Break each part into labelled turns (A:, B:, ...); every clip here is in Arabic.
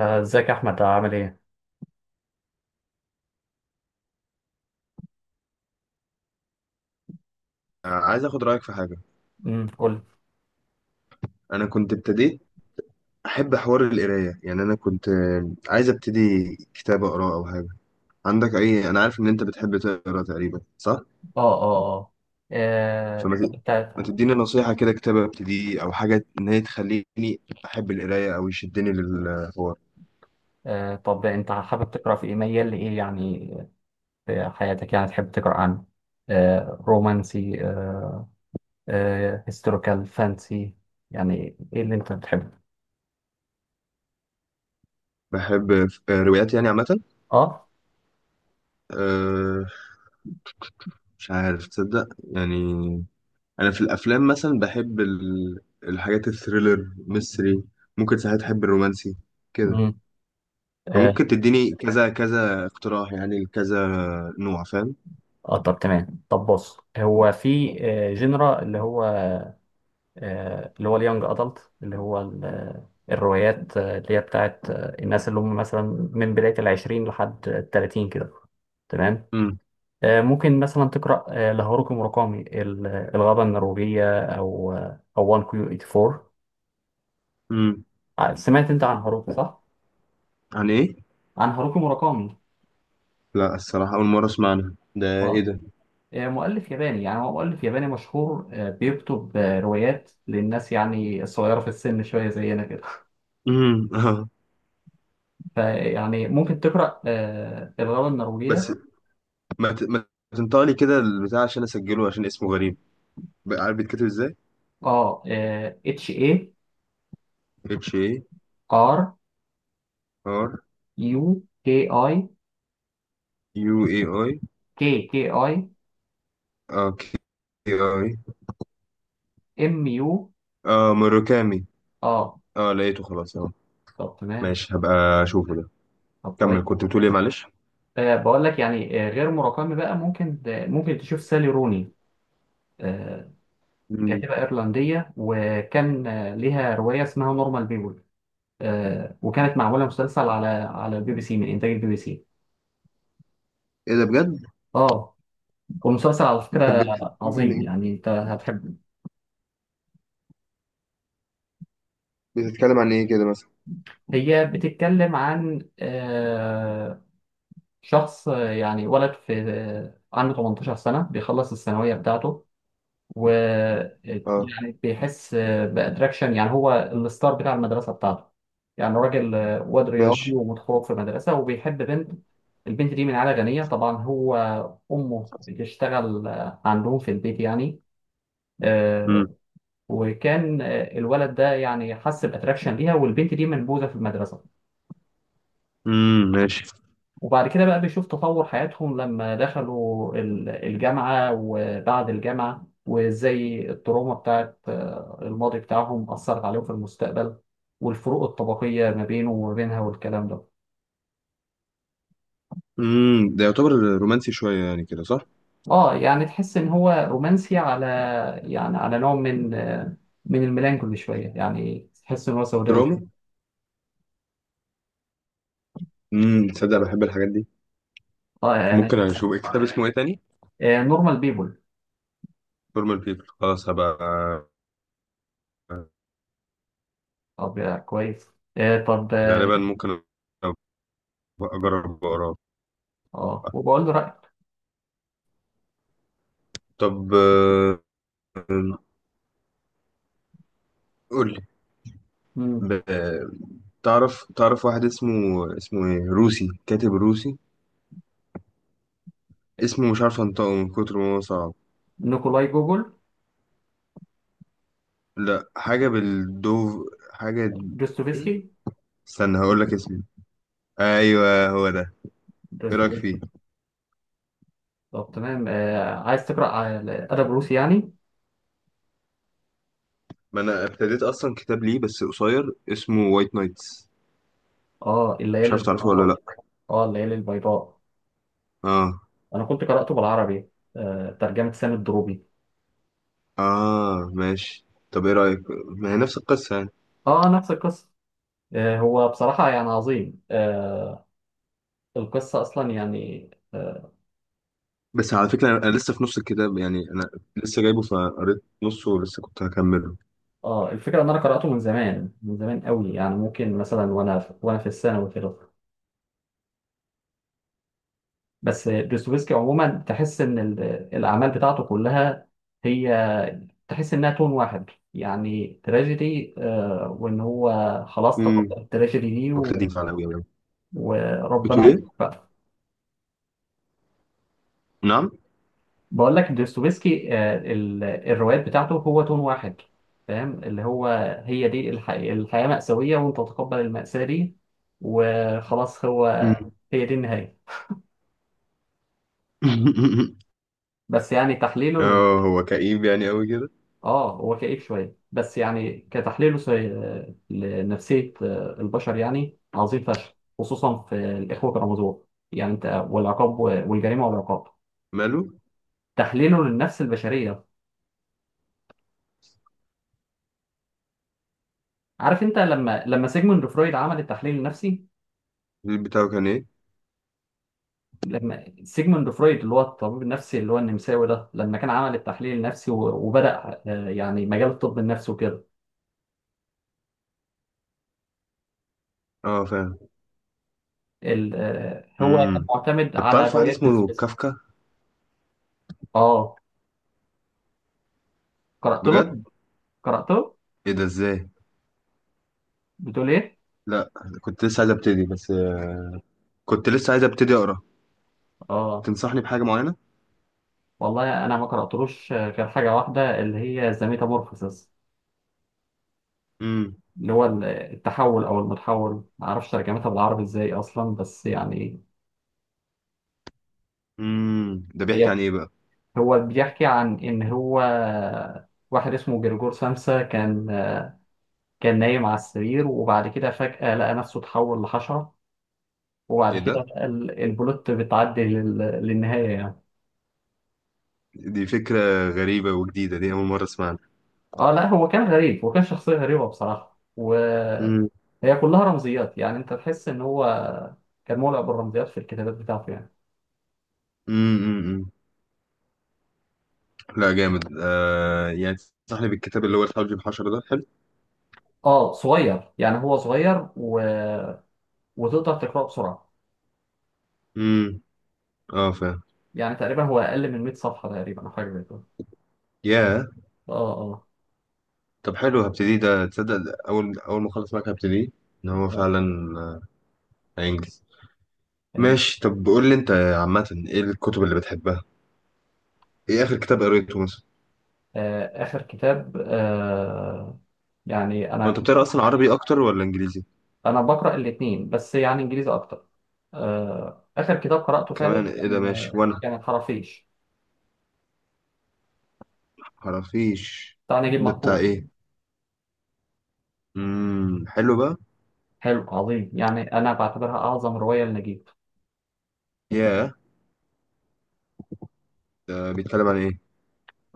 A: ازيك يا احمد عامل ايه؟
B: عايز اخد رايك في حاجه.
A: قول لي.
B: انا كنت ابتديت احب حوار القرايه. يعني انا كنت عايز ابتدي كتاب اقراه او حاجه. عندك اي؟ انا عارف ان انت بتحب تقرا تقريبا، صح؟
A: اه، اه، اه،
B: فما ت-
A: آه.
B: ما
A: تا-
B: تديني نصيحه كده، كتاب ابتديه او حاجه، ان هي تخليني احب القرايه او يشدني للحوار.
A: طب انت حابب تقرا في ايه، ميال لايه يعني، في حياتك يعني، تحب تقرا عن رومانسي، هيستوريكال فانسي؟ يعني ايه اللي انت بتحبه؟
B: بحب روايات يعني عامه.
A: اه.
B: أه. مش عارف، تصدق يعني، انا في الافلام مثلا بحب الحاجات الثريلر ميستري. ممكن ساعات احب الرومانسي كده.
A: امم اه.
B: فممكن تديني كذا كذا اقتراح، يعني كذا نوع، فاهم؟
A: طب تمام، طب بص، هو في جنرا اللي هو اللي هو اليانج ادلت، اللي هو الروايات اللي هي بتاعت الناس اللي هم مثلا من بداية العشرين لحد التلاتين كده. تمام.
B: امم
A: ممكن مثلا تقرأ لهاروكي موراكامي، الغابة النرويجية، أو 1 كيو 84.
B: امم.
A: سمعت أنت عن هاروكي صح؟
B: عن ايه؟
A: عن هاروكي موراكامي.
B: لا الصراحة أول مرة أسمع عنها، ده ايه
A: اه.
B: ده؟
A: مؤلف ياباني، يعني هو مؤلف ياباني مشهور، بيكتب روايات للناس يعني الصغيرة في السن شوية، زينا كده.
B: امم، اه.
A: فيعني ممكن تقرأ الغابة النرويجية.
B: بس ما تنطقلي كده البتاع عشان أسجله، عشان اسمه غريب بقى، عارف بيتكتب ازاي.
A: اه. اتش، اي،
B: اتش اي،
A: ار،
B: ار،
A: يو، كي، اي،
B: يو اي، اي،
A: كي، كي، اي،
B: اه كي، اي،
A: ام، يو.
B: اه مروكامي.
A: اه.
B: اه لقيته خلاص اهو.
A: طب تمام.
B: ماشي، هبقى اشوفه ده.
A: طب كويس.
B: كمل كنت بتقول ايه، معلش.
A: بقول لك يعني، غير مراكمي بقى، ممكن تشوف سالي روني. آه
B: مم.
A: كاتبة إيرلندية، وكان ليها رواية اسمها نورمال بيبول. وكانت معمولة مسلسل على البي بي سي، من إنتاج البي بي سي.
B: ايه ده، بجد؟
A: اه. والمسلسل على
B: طب
A: فكرة
B: بتتكلم عن
A: عظيم،
B: ايه؟
A: يعني انت هتحبه.
B: بتتكلم عن ايه كده مثلا؟
A: هي بتتكلم عن شخص يعني، ولد في، عنده 18 سنة، بيخلص الثانوية بتاعته، و
B: اه.
A: يعني بيحس بأتراكشن، يعني هو الستار بتاع المدرسة بتاعته، يعني راجل، واد رياضي
B: ماشي.
A: ومتخرج في مدرسة وبيحب بنت. البنت دي من عائلة غنية، طبعا هو أمه بتشتغل عندهم في البيت يعني. آه، وكان الولد ده يعني حس بأتراكشن ليها، والبنت دي منبوذة في المدرسة.
B: امم، ماشي.
A: وبعد كده بقى بيشوف تطور حياتهم لما دخلوا الجامعة وبعد الجامعة، وازاي التروما بتاعت الماضي بتاعهم أثرت عليهم في المستقبل، والفروق الطبقية ما بينه وما بينها والكلام ده.
B: امم، ده يعتبر رومانسي شويه يعني كده، صح؟
A: اه يعني تحس ان هو رومانسي، على يعني على نوع من من الميلانكولي شوية، يعني تحس ان هو سوداوي
B: دراما.
A: شوية.
B: تصدق بحب الحاجات دي.
A: اه يعني.
B: ممكن اشوف كتاب اسمه ايه تاني؟
A: نورمال بيبول.
B: فورمال بيبل، خلاص هبقى
A: طب، كويس. طب، اه.
B: غالبا ممكن أبقى اجرب اقراه.
A: وبقول له رأيك.
B: طب قول لي.
A: مم.
B: ب- تعرف واحد اسمه، اسمه ايه، روسي، كاتب روسي اسمه مش عارف انطقه من كتر ما هو صعب.
A: نيكولاي جوجل؟
B: لا، حاجه بالدوف، حاجه ايه،
A: دوستويفسكي؟
B: استنى هقول لك اسمه. ايوه، هو ده. ايه رايك
A: دوستويفسكي.
B: فيه؟
A: طب تمام. عايز تقرأ على أدب روسي يعني؟
B: ما انا ابتديت اصلا كتاب ليه بس قصير، اسمه وايت نايتس. مش
A: الليالي
B: عارف تعرفه ولا؟ اه،
A: البيضاء.
B: لا.
A: الليالي البيضاء.
B: اه.
A: أنا كنت قرأته بالعربي، ترجمة سامي الدروبي.
B: اه ماشي، طب ايه رايك؟ ما هي نفس القصه يعني.
A: نفس القصة. هو بصراحة يعني عظيم. القصة أصلا يعني
B: بس على فكره انا لسه في نص الكتاب يعني، انا لسه جايبه فقريت نصه ولسه كنت هكمله.
A: الفكرة إن أنا قرأته من زمان، من زمان قوي، يعني ممكن مثلا وأنا في الثانوي كده. بس دوستويفسكي عموما، تحس إن الأعمال بتاعته كلها، هي تحس انها تون واحد، يعني تراجيدي، وان هو خلاص تقبل
B: امم
A: التراجيدي دي.
B: دي فعلا قوي يعني.
A: وربنا
B: بتقول
A: يعمل
B: ايه؟
A: بقى.
B: نعم.
A: بقول لك دوستويفسكي، الروايات بتاعته هو تون واحد، فاهم؟ اللي هو هي دي الحياة مأساوية، وانت تتقبل المأساة دي وخلاص، هو
B: امم.
A: هي دي النهاية. بس يعني تحليله،
B: اه هو كئيب يعني قوي كده.
A: اه هو كئيب شويه بس، يعني كتحليله لنفسيه البشر يعني عظيم فشخ، خصوصا في الاخوه كرامازوف، يعني انت والجريمه والعقاب.
B: ماله؟
A: تحليله للنفس البشريه، عارف انت لما، سيجموند فرويد عمل التحليل النفسي،
B: البيت بتاعه كان ايه؟
A: لما سيجموند فرويد اللي هو الطبيب النفسي، اللي هو النمساوي ده، لما كان عمل التحليل النفسي وبدأ يعني مجال الطب النفسي وكده،
B: اه فاهم.
A: هو كان
B: امم
A: معتمد
B: طب
A: على
B: تعرف واحد
A: روايات
B: اسمه
A: ديسبيست.
B: كافكا؟
A: اه. قرأت له.
B: بجد؟
A: قرأت له.
B: ايه ده ازاي؟
A: بتقول ايه؟
B: لا، كنت لسه عايز ابتدي بس، كنت لسه عايز ابتدي اقرا.
A: اه،
B: تنصحني بحاجه معينه؟
A: والله انا ما قراتلوش غير حاجه واحده، اللي هي زاميتامورفوسيس،
B: امم
A: اللي هو التحول او المتحول، ما اعرفش ترجمتها بالعربي ازاي اصلا، بس يعني،
B: ده بيحكي عن
A: هي
B: ايه بقى؟
A: هو بيحكي عن ان هو واحد اسمه جرجور سمسة، كان نايم على السرير، وبعد كده فجأة لقى نفسه اتحول لحشرة. وبعد
B: ايه
A: كده
B: ده،
A: بقى البلوت بتعدي للنهاية يعني.
B: دي فكره غريبه وجديده، دي اول مره اسمعها.
A: اه لا، هو كان غريب، وكان شخصية غريبة بصراحة. و
B: امم
A: هي كلها رمزيات، يعني انت تحس ان هو كان مولع بالرمزيات في الكتابات بتاعته يعني.
B: امم امم لا جامد يعني. تنصحني بالكتاب اللي هو الحوجي بحشرة ده، حلو؟
A: اه، صغير يعني، هو صغير، و... وتقدر تقراه بسرعه،
B: امم، اه فاهم.
A: يعني تقريبا هو اقل من 100 صفحه تقريبا، او حاجه زي كده.
B: يا
A: اه. اه.
B: طب حلو، هبتدي ده. تصدق ده اول اول ما اخلص معاك هبتدي. ان هو
A: آه.
B: فعلا آه، هينجز.
A: يعني.
B: ماشي، طب قول لي انت عامه ايه الكتب اللي بتحبها، ايه اخر كتاب قريته مثلا؟
A: اخر كتاب. يعني
B: هو انت
A: انا،
B: بتقرا اصلا عربي اكتر ولا انجليزي؟
A: انا بقرا الاثنين بس يعني انجليزي اكتر. اخر كتاب قراته
B: كمان
A: فعلا
B: ايه ده،
A: كان،
B: ماشي وانا.
A: الخرافيش
B: خرافيش،
A: بتاع نجيب
B: ده بتاع
A: محفوظ.
B: ايه؟ امم، حلو بقى.
A: حلو، عظيم، يعني انا بعتبرها اعظم روايه لنجيب.
B: ياه، ده بيتكلم عن ايه؟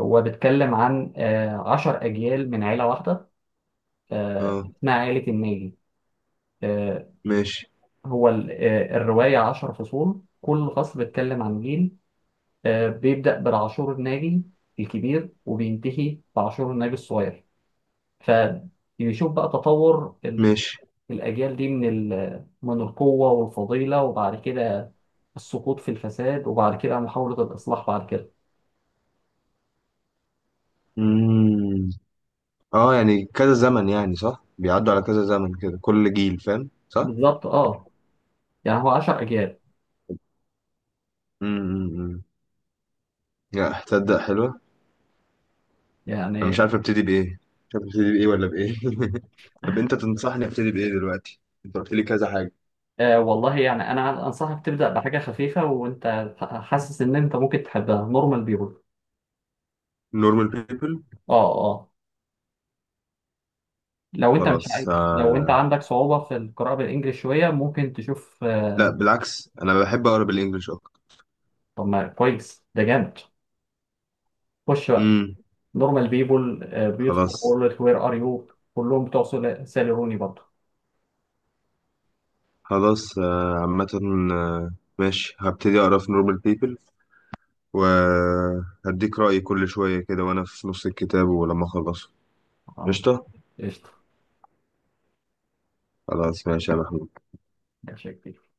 A: هو بيتكلم عن عشر أجيال من عيلة واحدة،
B: اه،
A: اسمها عيلة الناجي. آه،
B: ماشي.
A: هو الرواية عشر فصول، كل فصل بيتكلم عن جيل. بيبدأ بالعاشور الناجي الكبير، وبينتهي بعاشور الناجي الصغير. فبيشوف بقى تطور
B: ماشي،
A: الأجيال دي، من القوة والفضيلة، وبعد كده السقوط في الفساد، وبعد كده محاولة الإصلاح بعد كده.
B: امم، اه، يعني كذا زمن يعني صح، بيعدوا على كذا زمن كده، كل جيل، فاهم صح؟
A: بالظبط، اه، يعني هو عشر أجيال،
B: امم. لا تصدق حلوة. انا مش
A: يعني.
B: عارف ابتدي بايه، مش عارف ابتدي بايه ولا بايه. طب انت تنصحني ابتدي بايه دلوقتي، انت قلت لي كذا حاجة.
A: والله يعني انا انصحك تبدا بحاجه خفيفه، وانت حاسس ان انت ممكن تحبها، نورمال بيبول.
B: نورمال بيبل،
A: اه. اه. لو انت مش عايز
B: خلاص.
A: لو انت
B: آه.
A: عندك صعوبه في القراءه بالانجلش شويه، ممكن تشوف
B: لا بالعكس، انا بحب اقرا بالانجلش اكتر.
A: طب ما كويس، ده جامد. خش بقى،
B: امم.
A: نورمال بيبول، بيوتفول
B: خلاص.
A: وورلد، وير ار يو. كلهم بتوع سالي روني برضه.
B: خلاص عامة. آه، ماشي، هبتدي أقرأ في نورمال بيبل وهديك رأيي كل شوية كده وأنا في نص الكتاب ولما أخلصه.
A: اه.
B: قشطة؟
A: قشطه.
B: خلاص ماشي يا محمود.
A: ماشي يا كبير.